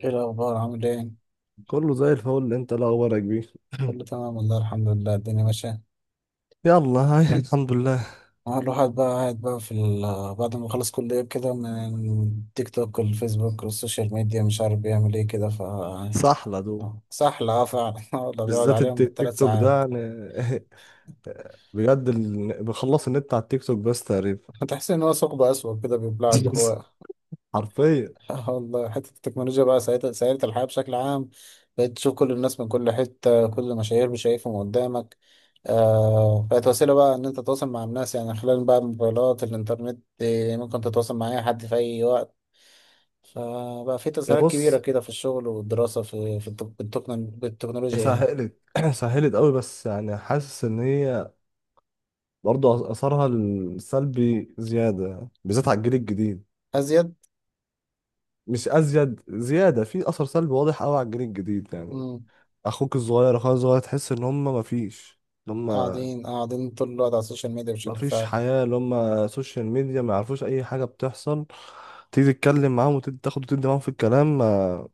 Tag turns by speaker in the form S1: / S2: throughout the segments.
S1: ايه الاخبار؟ عامل ايه؟
S2: كله زي الفل. انت لا اخبارك بيه؟
S1: كله تمام والله، الحمد لله الدنيا ماشيه.
S2: يلا هاي الحمد لله.
S1: اه الواحد بقى قاعد بقى في بعد ما خلص كليه كده، من تيك توك والفيسبوك والسوشيال ميديا مش عارف بيعمل ايه كده ف.
S2: صحلة دول.
S1: سحل، اه فعلا. والله بيقعد
S2: بالذات
S1: عليهم
S2: التيك
S1: بالثلاث
S2: توك
S1: ساعات
S2: ده يعني. بجد بخلص النت على التيك توك بس تقريبا.
S1: تحس ان هو ثقب اسود كده بيبلعك.
S2: حرفيا.
S1: آه والله، حتة التكنولوجيا بقى سهلت الحياة بشكل عام. بقيت تشوف كل الناس من كل حتة، كل مشاهير شايفهم قدامك. آه، بقت وسيلة بقى إن أنت تتواصل مع الناس يعني، خلال بقى الموبايلات، الإنترنت، ممكن تتواصل مع أي حد في أي وقت. فبقى في
S2: يا
S1: تسهيلات كبيرة
S2: بص،
S1: كده في الشغل والدراسة، في
S2: هي
S1: بالتكنولوجيا يعني.
S2: سهلت سهلت قوي، بس يعني حاسس ان هي برضه اثرها السلبي زيادة بالذات على الجيل الجديد.
S1: أزيد.
S2: مش ازيد، زيادة في اثر سلبي واضح قوي على الجيل الجديد يعني.
S1: مم.
S2: اخوك الصغير، اخويا الصغير، تحس ان هم مفيش هم،
S1: قاعدين قاعدين طول الوقت على السوشيال ميديا
S2: ما
S1: بشكل
S2: فيش
S1: فعلي.
S2: حياة، اللي هم سوشيال ميديا، ما يعرفوش أي حاجة بتحصل. تيجي تتكلم معاهم وتاخد وتدي معاهم في الكلام، ما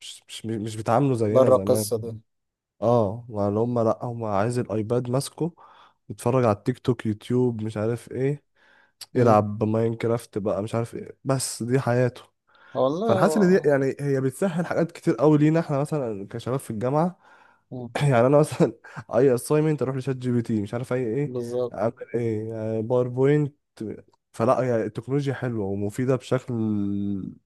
S2: مش بيتعاملوا زينا
S1: بره
S2: زمان.
S1: القصة دي.
S2: اه، ما اللي هم لأ، هم عايز الأيباد ماسكه، يتفرج على التيك توك، يوتيوب، مش عارف ايه.
S1: مم.
S2: يلعب ماينكرافت بقى، مش عارف ايه، بس دي حياته.
S1: والله
S2: فانا حاسس ان
S1: هو-
S2: دي يعني هي بتسهل حاجات كتير قوي لينا احنا، مثلا كشباب في الجامعه.
S1: مم.
S2: يعني انا مثلا اي اساينمنت اروح لشات جي بي تي، مش عارف اي ايه،
S1: بالظبط.
S2: اعمل ايه باوربوينت. فلا، هي التكنولوجيا حلوه ومفيده بشكل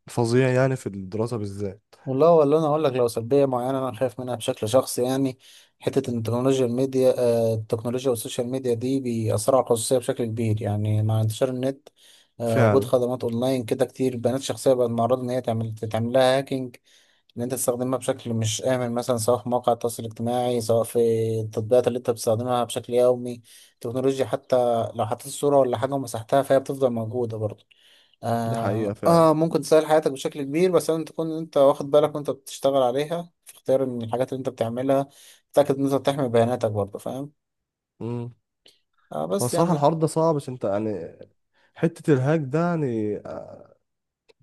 S2: فظيع يعني، في الدراسه بالذات.
S1: والله، ولا انا اقول لك، لو سلبيه معينه انا خايف منها بشكل شخصي يعني. حته ان التكنولوجيا الميديا آه، التكنولوجيا والسوشيال ميديا دي بيأثروا على الخصوصيه بشكل كبير، يعني مع انتشار النت. وجود
S2: فعلا.
S1: خدمات اونلاين كده كتير، بيانات شخصيه بقت معرضه ان هي تعمل لها هاكينج. ان انت تستخدمها بشكل مش امن مثلا، سواء في مواقع التواصل الاجتماعي، سواء في التطبيقات اللي انت بتستخدمها بشكل يومي. التكنولوجيا حتى لو حطيت صوره ولا حاجه ومسحتها، فهي بتفضل موجوده برضه.
S2: دي حقيقه فعلا.
S1: ممكن تسهل حياتك بشكل كبير، بس لازم تكون أنت واخد بالك وأنت بتشتغل عليها، في اختيار من الحاجات اللي أنت بتعملها. تتأكد إن أنت بتحمي بياناتك برضه، فاهم؟
S2: امم. هو
S1: بس
S2: الصراحه
S1: يعني.
S2: الحوار ده صعب، عشان انت يعني حته الهاك ده يعني،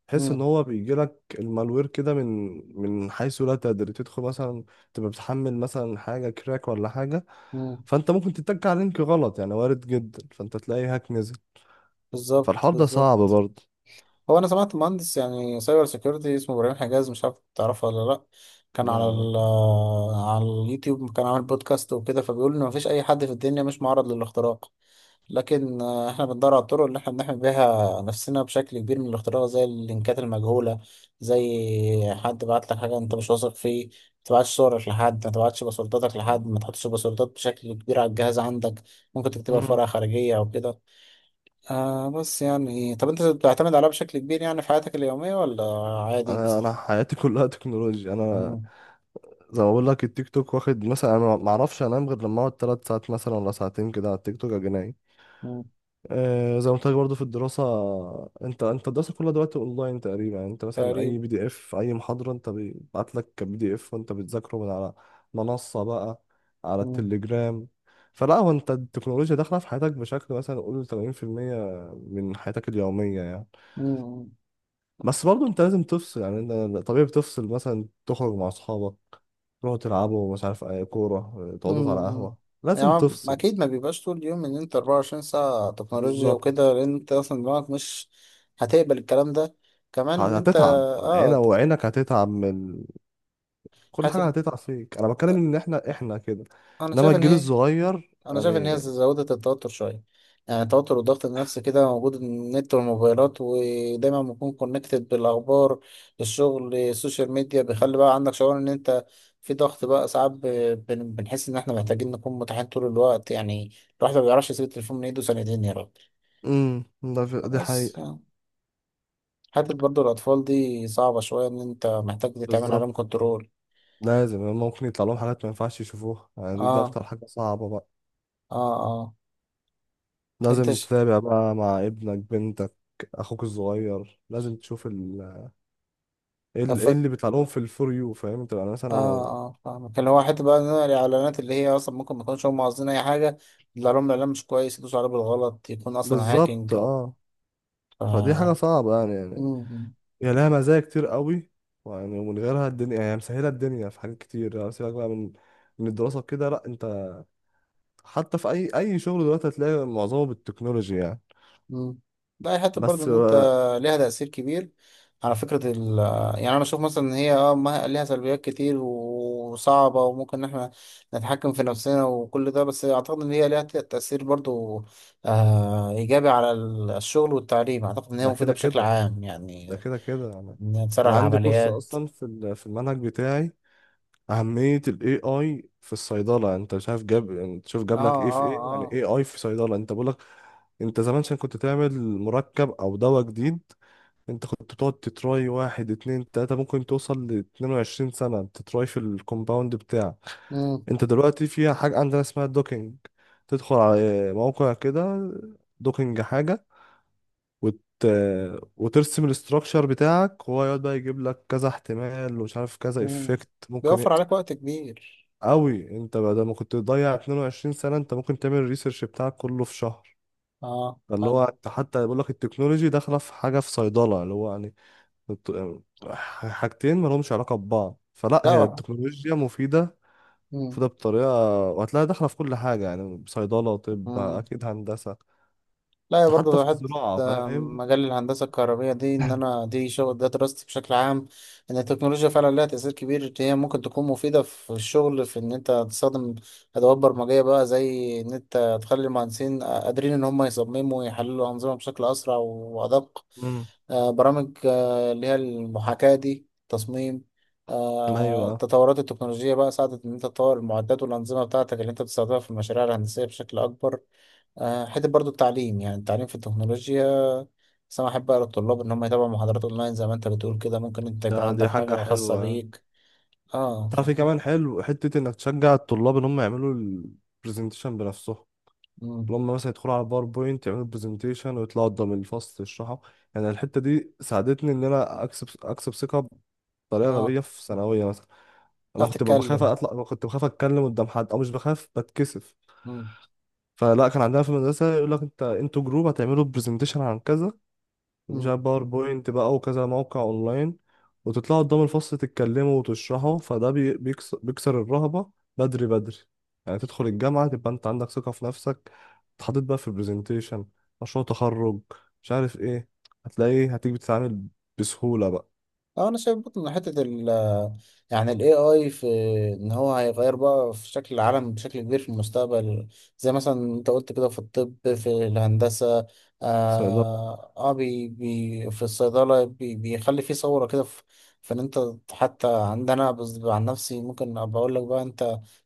S2: تحس ان
S1: مم.
S2: هو بيجي لك المالوير كده من من حيث لا تدري. تدخل مثلا، تبقى بتحمل مثلا حاجه كراك ولا حاجه،
S1: مم.
S2: فانت ممكن تتك على لينك غلط، يعني وارد جدا، فانت تلاقي هاك نزل.
S1: بالظبط،
S2: فالحوار ده صعب
S1: بالظبط.
S2: برضه.
S1: هو أنا سمعت مهندس يعني سايبر سيكيورتي اسمه إبراهيم حجاز، مش عارف تعرفه ولا لأ؟ كان على
S2: لا.
S1: ال آه، على اليوتيوب، كان عامل بودكاست وكده، فبيقول إن مفيش أي حد في الدنيا مش معرض للاختراق. لكن احنا بندور على الطرق اللي احنا بنحمي بيها نفسنا بشكل كبير من الاختراق، زي اللينكات المجهولة. زي حد بعت لك حاجة انت مش واثق فيه، ما تبعتش صورك لحد، ما تبعتش باسورداتك لحد، ما تحطش باسوردات بشكل كبير على الجهاز عندك. ممكن تكتبها في
S2: مم.
S1: ورقة خارجية او كده. بس يعني، طب انت بتعتمد عليها بشكل كبير يعني في حياتك اليومية ولا عادي؟
S2: انا حياتي كلها تكنولوجيا انا.
S1: مم،
S2: زي ما بقول لك، التيك توك واخد مثلا، انا ما اعرفش انام غير لما اقعد 3 ساعات مثلا ولا ساعتين كده على التيك توك اجي نايم.
S1: مم،
S2: آه، زي ما قلت لك برضه في الدراسة، انت انت الدراسة كلها دلوقتي اونلاين تقريبا يعني. انت مثلا
S1: تقريبا.
S2: اي بي دي اف، اي محاضرة انت بيبعت لك كبي دي اف، وانت بتذاكره من على منصة بقى، على
S1: مم،
S2: التليجرام. فلا، هو انت التكنولوجيا داخلة في حياتك بشكل مثلا قول 80% من حياتك اليومية يعني.
S1: مم.
S2: بس برضه انت لازم تفصل يعني. انت طبيعي بتفصل، مثلا تخرج مع اصحابك، تروحوا تلعبوا مش عارف اي كورة، تقعدوا على
S1: امم.
S2: قهوة.
S1: يعني
S2: لازم
S1: هو
S2: تفصل.
S1: اكيد ما بيبقاش طول اليوم ان انت 24 ساعة تكنولوجيا
S2: بالظبط.
S1: وكده، لان انت اصلا دماغك مش هتقبل الكلام ده. كمان، ان انت
S2: هتتعب عينك، وعينك هتتعب من كل
S1: هتب...
S2: حاجة، هتقطع فيك. انا بتكلم ان احنا كده،
S1: انا
S2: انما
S1: شايف ان
S2: الجيل
S1: هي
S2: الصغير
S1: انا شايف ان هي
S2: يعني.
S1: زودت التوتر شوية. يعني التوتر والضغط النفسي كده موجود، النت والموبايلات، ودايما بنكون كونكتد بالاخبار. الشغل، السوشيال ميديا بيخلي بقى عندك شعور ان انت في ضغط بقى، ساعات بنحس ان احنا محتاجين نكون متاحين طول الوقت يعني. الواحد ما بيعرفش يسيب التليفون من ايده سنتين يا راجل.
S2: امم. دي
S1: خلاص.
S2: حقيقة.
S1: حتة برضو الأطفال دي صعبة شوية، إن أنت محتاج تتعمل عليهم
S2: بالظبط.
S1: كنترول.
S2: لازم، ممكن يطلع لهم حاجات ما ينفعش يشوفوها يعني. دي, دي
S1: آه،
S2: اكتر حاجة صعبة بقى.
S1: آه، آه. أنت
S2: لازم
S1: ش...
S2: تتابع بقى مع ابنك، بنتك، اخوك الصغير. لازم تشوف ايه
S1: آه،
S2: إيه اللي بيطلع لهم في الفور يو، فاهم انت يعني. مثلا
S1: آه، آه، فاهمك، اللي هو حتة بقى إن أنا الإعلانات اللي هي أصلا ممكن ما يكونوش هم قاصدين أي حاجة. يطلع لهم إعلان مش كويس يدوسوا عليه بالغلط، يكون أصلا
S2: بالظبط
S1: هاكينج أو.
S2: اه. فدي حاجة
S1: آه.
S2: صعبة يعني.
S1: مم.
S2: هي لها مزايا كتير قوي يعني، ومن غيرها الدنيا يعني، مسهلة الدنيا في حاجات كتير يعني. سيبك بقى من من الدراسة كده، لا انت حتى في اي اي شغل دلوقتي هتلاقي معظمه بالتكنولوجي يعني.
S1: مم. ده حتى برضه
S2: بس
S1: ان انت
S2: آه،
S1: ليها تأثير كبير على فكرة يعني انا اشوف مثلا ان هي ليها سلبيات كتير وصعبة، وممكن ان احنا نتحكم في نفسنا وكل ده، بس اعتقد ان هي ليها تأثير برضه، ايجابي على الشغل والتعليم، اعتقد ان هي
S2: ده
S1: مفيدة
S2: كده
S1: بشكل
S2: كده
S1: عام
S2: ده
S1: يعني.
S2: كده كده يعني.
S1: ان هي تسرع
S2: انا عندي كورس
S1: العمليات.
S2: اصلا في في المنهج بتاعي، اهميه الاي اي في الصيدله. انت شايف جاب، انت شوف
S1: اه،
S2: جاب لك ايه في
S1: اه،
S2: ايه يعني،
S1: اه.
S2: اي اي في صيدله. انت بقول لك، انت زمان عشان كنت تعمل مركب او دواء جديد، انت كنت بتقعد تتراي واحد اتنين تلاته، ممكن توصل ل 22 سنه تتراي في الكومباوند بتاعك.
S1: مم.
S2: انت دلوقتي في حاجة عندنا اسمها الدوكينج. تدخل على موقع كده، دوكينج حاجة، وت... وترسم الاستراكشر بتاعك، وهو يقعد بقى يجيب لك كذا احتمال، ومش عارف كذا
S1: مم.
S2: افكت ممكن
S1: بيوفر عليك وقت كبير.
S2: قوي. انت بدل ما كنت تضيع 22 سنة، انت ممكن تعمل الريسيرش بتاعك كله في شهر.
S1: اه
S2: اللي
S1: حلو.
S2: هو انت حتى بيقول لك، التكنولوجي داخلة في حاجة في صيدلة، اللي هو يعني الت- حاجتين مالهمش علاقة ببعض. فلا، هي
S1: لا.
S2: التكنولوجيا مفيدة،
S1: مم.
S2: فده بطريقة، وهتلاقيها داخلة في كل حاجة يعني. صيدلة، طب،
S1: مم.
S2: أكيد، هندسة،
S1: لا يا،
S2: حتى في
S1: برضه حتة.
S2: الزراعة،
S1: آه،
S2: فاهم.
S1: مجال الهندسة الكهربية دي، إن أنا دي شغل ده دراستي بشكل عام. إن التكنولوجيا فعلا لها تأثير كبير، هي ممكن تكون مفيدة في الشغل، في إن أنت تستخدم أدوات برمجية بقى، زي إن أنت تخلي المهندسين قادرين إن هم يصمموا ويحللوا أنظمة بشكل أسرع وأدق.
S2: امم.
S1: برامج اللي هي المحاكاة دي، تصميم.
S2: أيوة.
S1: التطورات التكنولوجية بقى ساعدت إن أنت تطور المعدات والأنظمة بتاعتك اللي أنت بتستخدمها في المشاريع الهندسية بشكل أكبر. حته برضو التعليم، يعني التعليم في التكنولوجيا. بس انا احب اقرا الطلاب ان هم يتابعوا محاضرات اونلاين زي ما انت بتقول كده، ممكن انت يكون
S2: ده
S1: عندك
S2: دي حاجة
S1: حاجه خاصه
S2: حلوة.
S1: بيك. اه،
S2: تعرف إيه
S1: فاهم.
S2: كمان حلو؟ حتة إنك تشجع الطلاب إن هم يعملوا البرزنتيشن بنفسهم،
S1: مم،
S2: اللي هم مثلا يدخلوا على الباوربوينت، يعملوا برزنتيشن، ويطلعوا قدام الفصل يشرحوا. يعني الحتة دي ساعدتني إن أنا أكسب ثقة بطريقة
S1: اه،
S2: غبية في ثانوية مثلا. أنا
S1: تعرف
S2: كنت ببقى بخاف
S1: تتكلم.
S2: أطلع، كنت بخاف أتكلم قدام حد، أو مش بخاف، بتكسف.
S1: مم،
S2: فلا، كان عندنا في المدرسة يقول لك انت، انتوا جروب هتعملوا برزنتيشن عن كذا، مش عارف
S1: مم.
S2: باوربوينت بقى وكذا موقع اونلاين، وتطلعوا قدام الفصل تتكلموا وتشرحوا. فده بيكسر الرهبة بدري، بدري يعني. تدخل الجامعة تبقى انت عندك ثقة في نفسك. اتحطيت بقى في برزنتيشن، مشروع تخرج، مش عارف ايه، هتلاقيه، هتيجي بتتعامل بسهولة بقى.
S1: اه، انا شايف برضه ان حته يعني ال AI، في ان هو هيغير بقى في شكل العالم بشكل كبير في المستقبل. زي مثلا انت قلت كده، في الطب، في الهندسه.
S2: فده
S1: بي في الصيدله، بيخلي في صوره كده في. فان انت، حتى عندنا بس عن نفسي ممكن ابقى اقول لك بقى انت،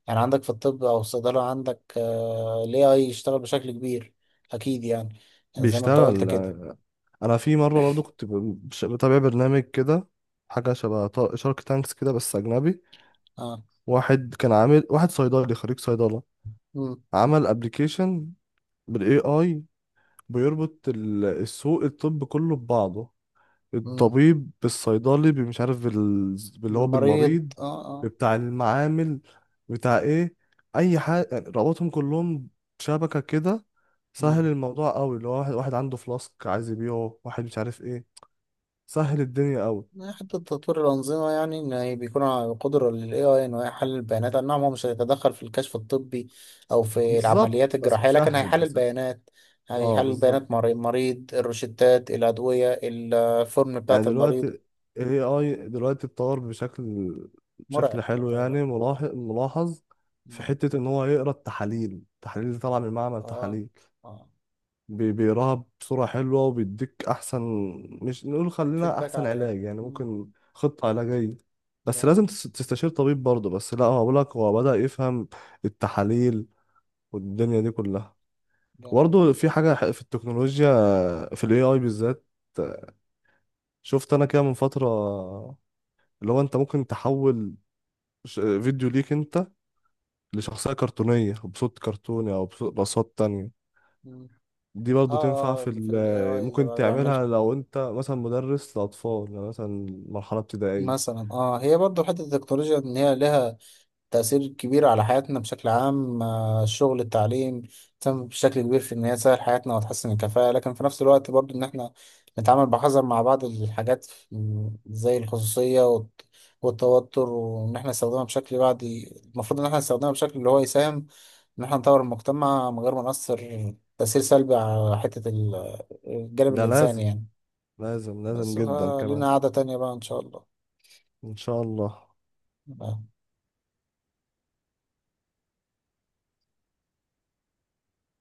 S1: يعني عندك في الطب او الصيدله، عندك ال AI يشتغل بشكل كبير، اكيد يعني. زي ما انت قلت
S2: بيشتغل
S1: كده.
S2: يعني. انا في مرة برضو كنت بتابع برنامج كده، حاجة شبه شارك تانكس كده بس أجنبي.
S1: اه.
S2: واحد كان عامل، واحد صيدلي خريج صيدلة،
S1: امم.
S2: عمل ابلكيشن بالاي اي، بيربط السوق الطب كله ببعضه،
S1: امم.
S2: الطبيب بالصيدلي، مش عارف باللي هو
S1: بالمريض،
S2: بالمريض،
S1: اه، آه.
S2: بتاع المعامل، بتاع ايه، اي حاجة يعني. ربطهم كلهم شبكة كده،
S1: مم.
S2: سهل الموضوع قوي. اللي هو واحد واحد عنده فلاسك عايز يبيعه، واحد مش عارف ايه. سهل الدنيا قوي.
S1: يعني حتى تطوير الأنظمة، يعني إن هي بيكون على قدرة لل AI إنه يحلل البيانات، أي نعم هو مش هيتدخل في الكشف الطبي أو في العمليات
S2: بالظبط، بس
S1: الجراحية، لكن
S2: بيسهل،
S1: هيحلل
S2: بيسهل.
S1: بيانات.
S2: اه
S1: هيحلل
S2: بالظبط.
S1: بيانات المريض، الروشتات، الأدوية، الفورم بتاعة
S2: يعني دلوقتي
S1: المريض.
S2: ال AI دلوقتي اتطور بشكل
S1: مرعب
S2: حلو
S1: يعتبر.
S2: يعني، ملاحظ، ملاحظ في
S1: مم.
S2: حتة إن هو يقرا التحاليل، التحاليل اللي طالعة من معمل
S1: آه،
S2: تحاليل،
S1: آه.
S2: بيقراها بصورة حلوة وبيديك أحسن، مش نقول خلينا
S1: فيدباك
S2: أحسن
S1: عليه.
S2: علاج يعني،
S1: مم.
S2: ممكن خطة علاجية. بس
S1: جامد.
S2: لازم تستشير طبيب برضه. بس لا، هو بقولك هو بدأ يفهم التحاليل والدنيا دي كلها.
S1: جامد ده.
S2: برضه في حاجة في التكنولوجيا، في ال AI بالذات، شفت أنا كده من فترة، اللي هو انت ممكن تحول فيديو ليك انت لشخصية كرتونية، بصوت كرتوني او بصوت بأصوات تانية.
S1: مم.
S2: دي
S1: آه،
S2: برضو تنفع
S1: آه،
S2: في
S1: اللي في ال AI ده
S2: ممكن
S1: بقى بيعمل،
S2: تعملها لو انت مثلا مدرس لأطفال، يعني مثلا مرحلة ابتدائية.
S1: مثلا هي برضه حتة التكنولوجيا، إن هي لها تأثير كبير على حياتنا بشكل عام، الشغل، التعليم. تم بشكل كبير في إن هي تسهل حياتنا وتحسن الكفاءة، لكن في نفس الوقت برضو إن إحنا نتعامل بحذر مع بعض الحاجات، زي الخصوصية والتوتر، وإن إحنا نستخدمها بشكل بعد. المفروض إن إحنا نستخدمها بشكل اللي هو يساهم إن إحنا نطور المجتمع، من غير ما نأثر تأثير سلبي على حتة الجانب
S2: ده
S1: الإنساني
S2: لازم،
S1: يعني.
S2: لازم
S1: بس
S2: جدا كمان.
S1: فلينا قعدة تانية بقى، إن شاء
S2: ان شاء الله.
S1: الله.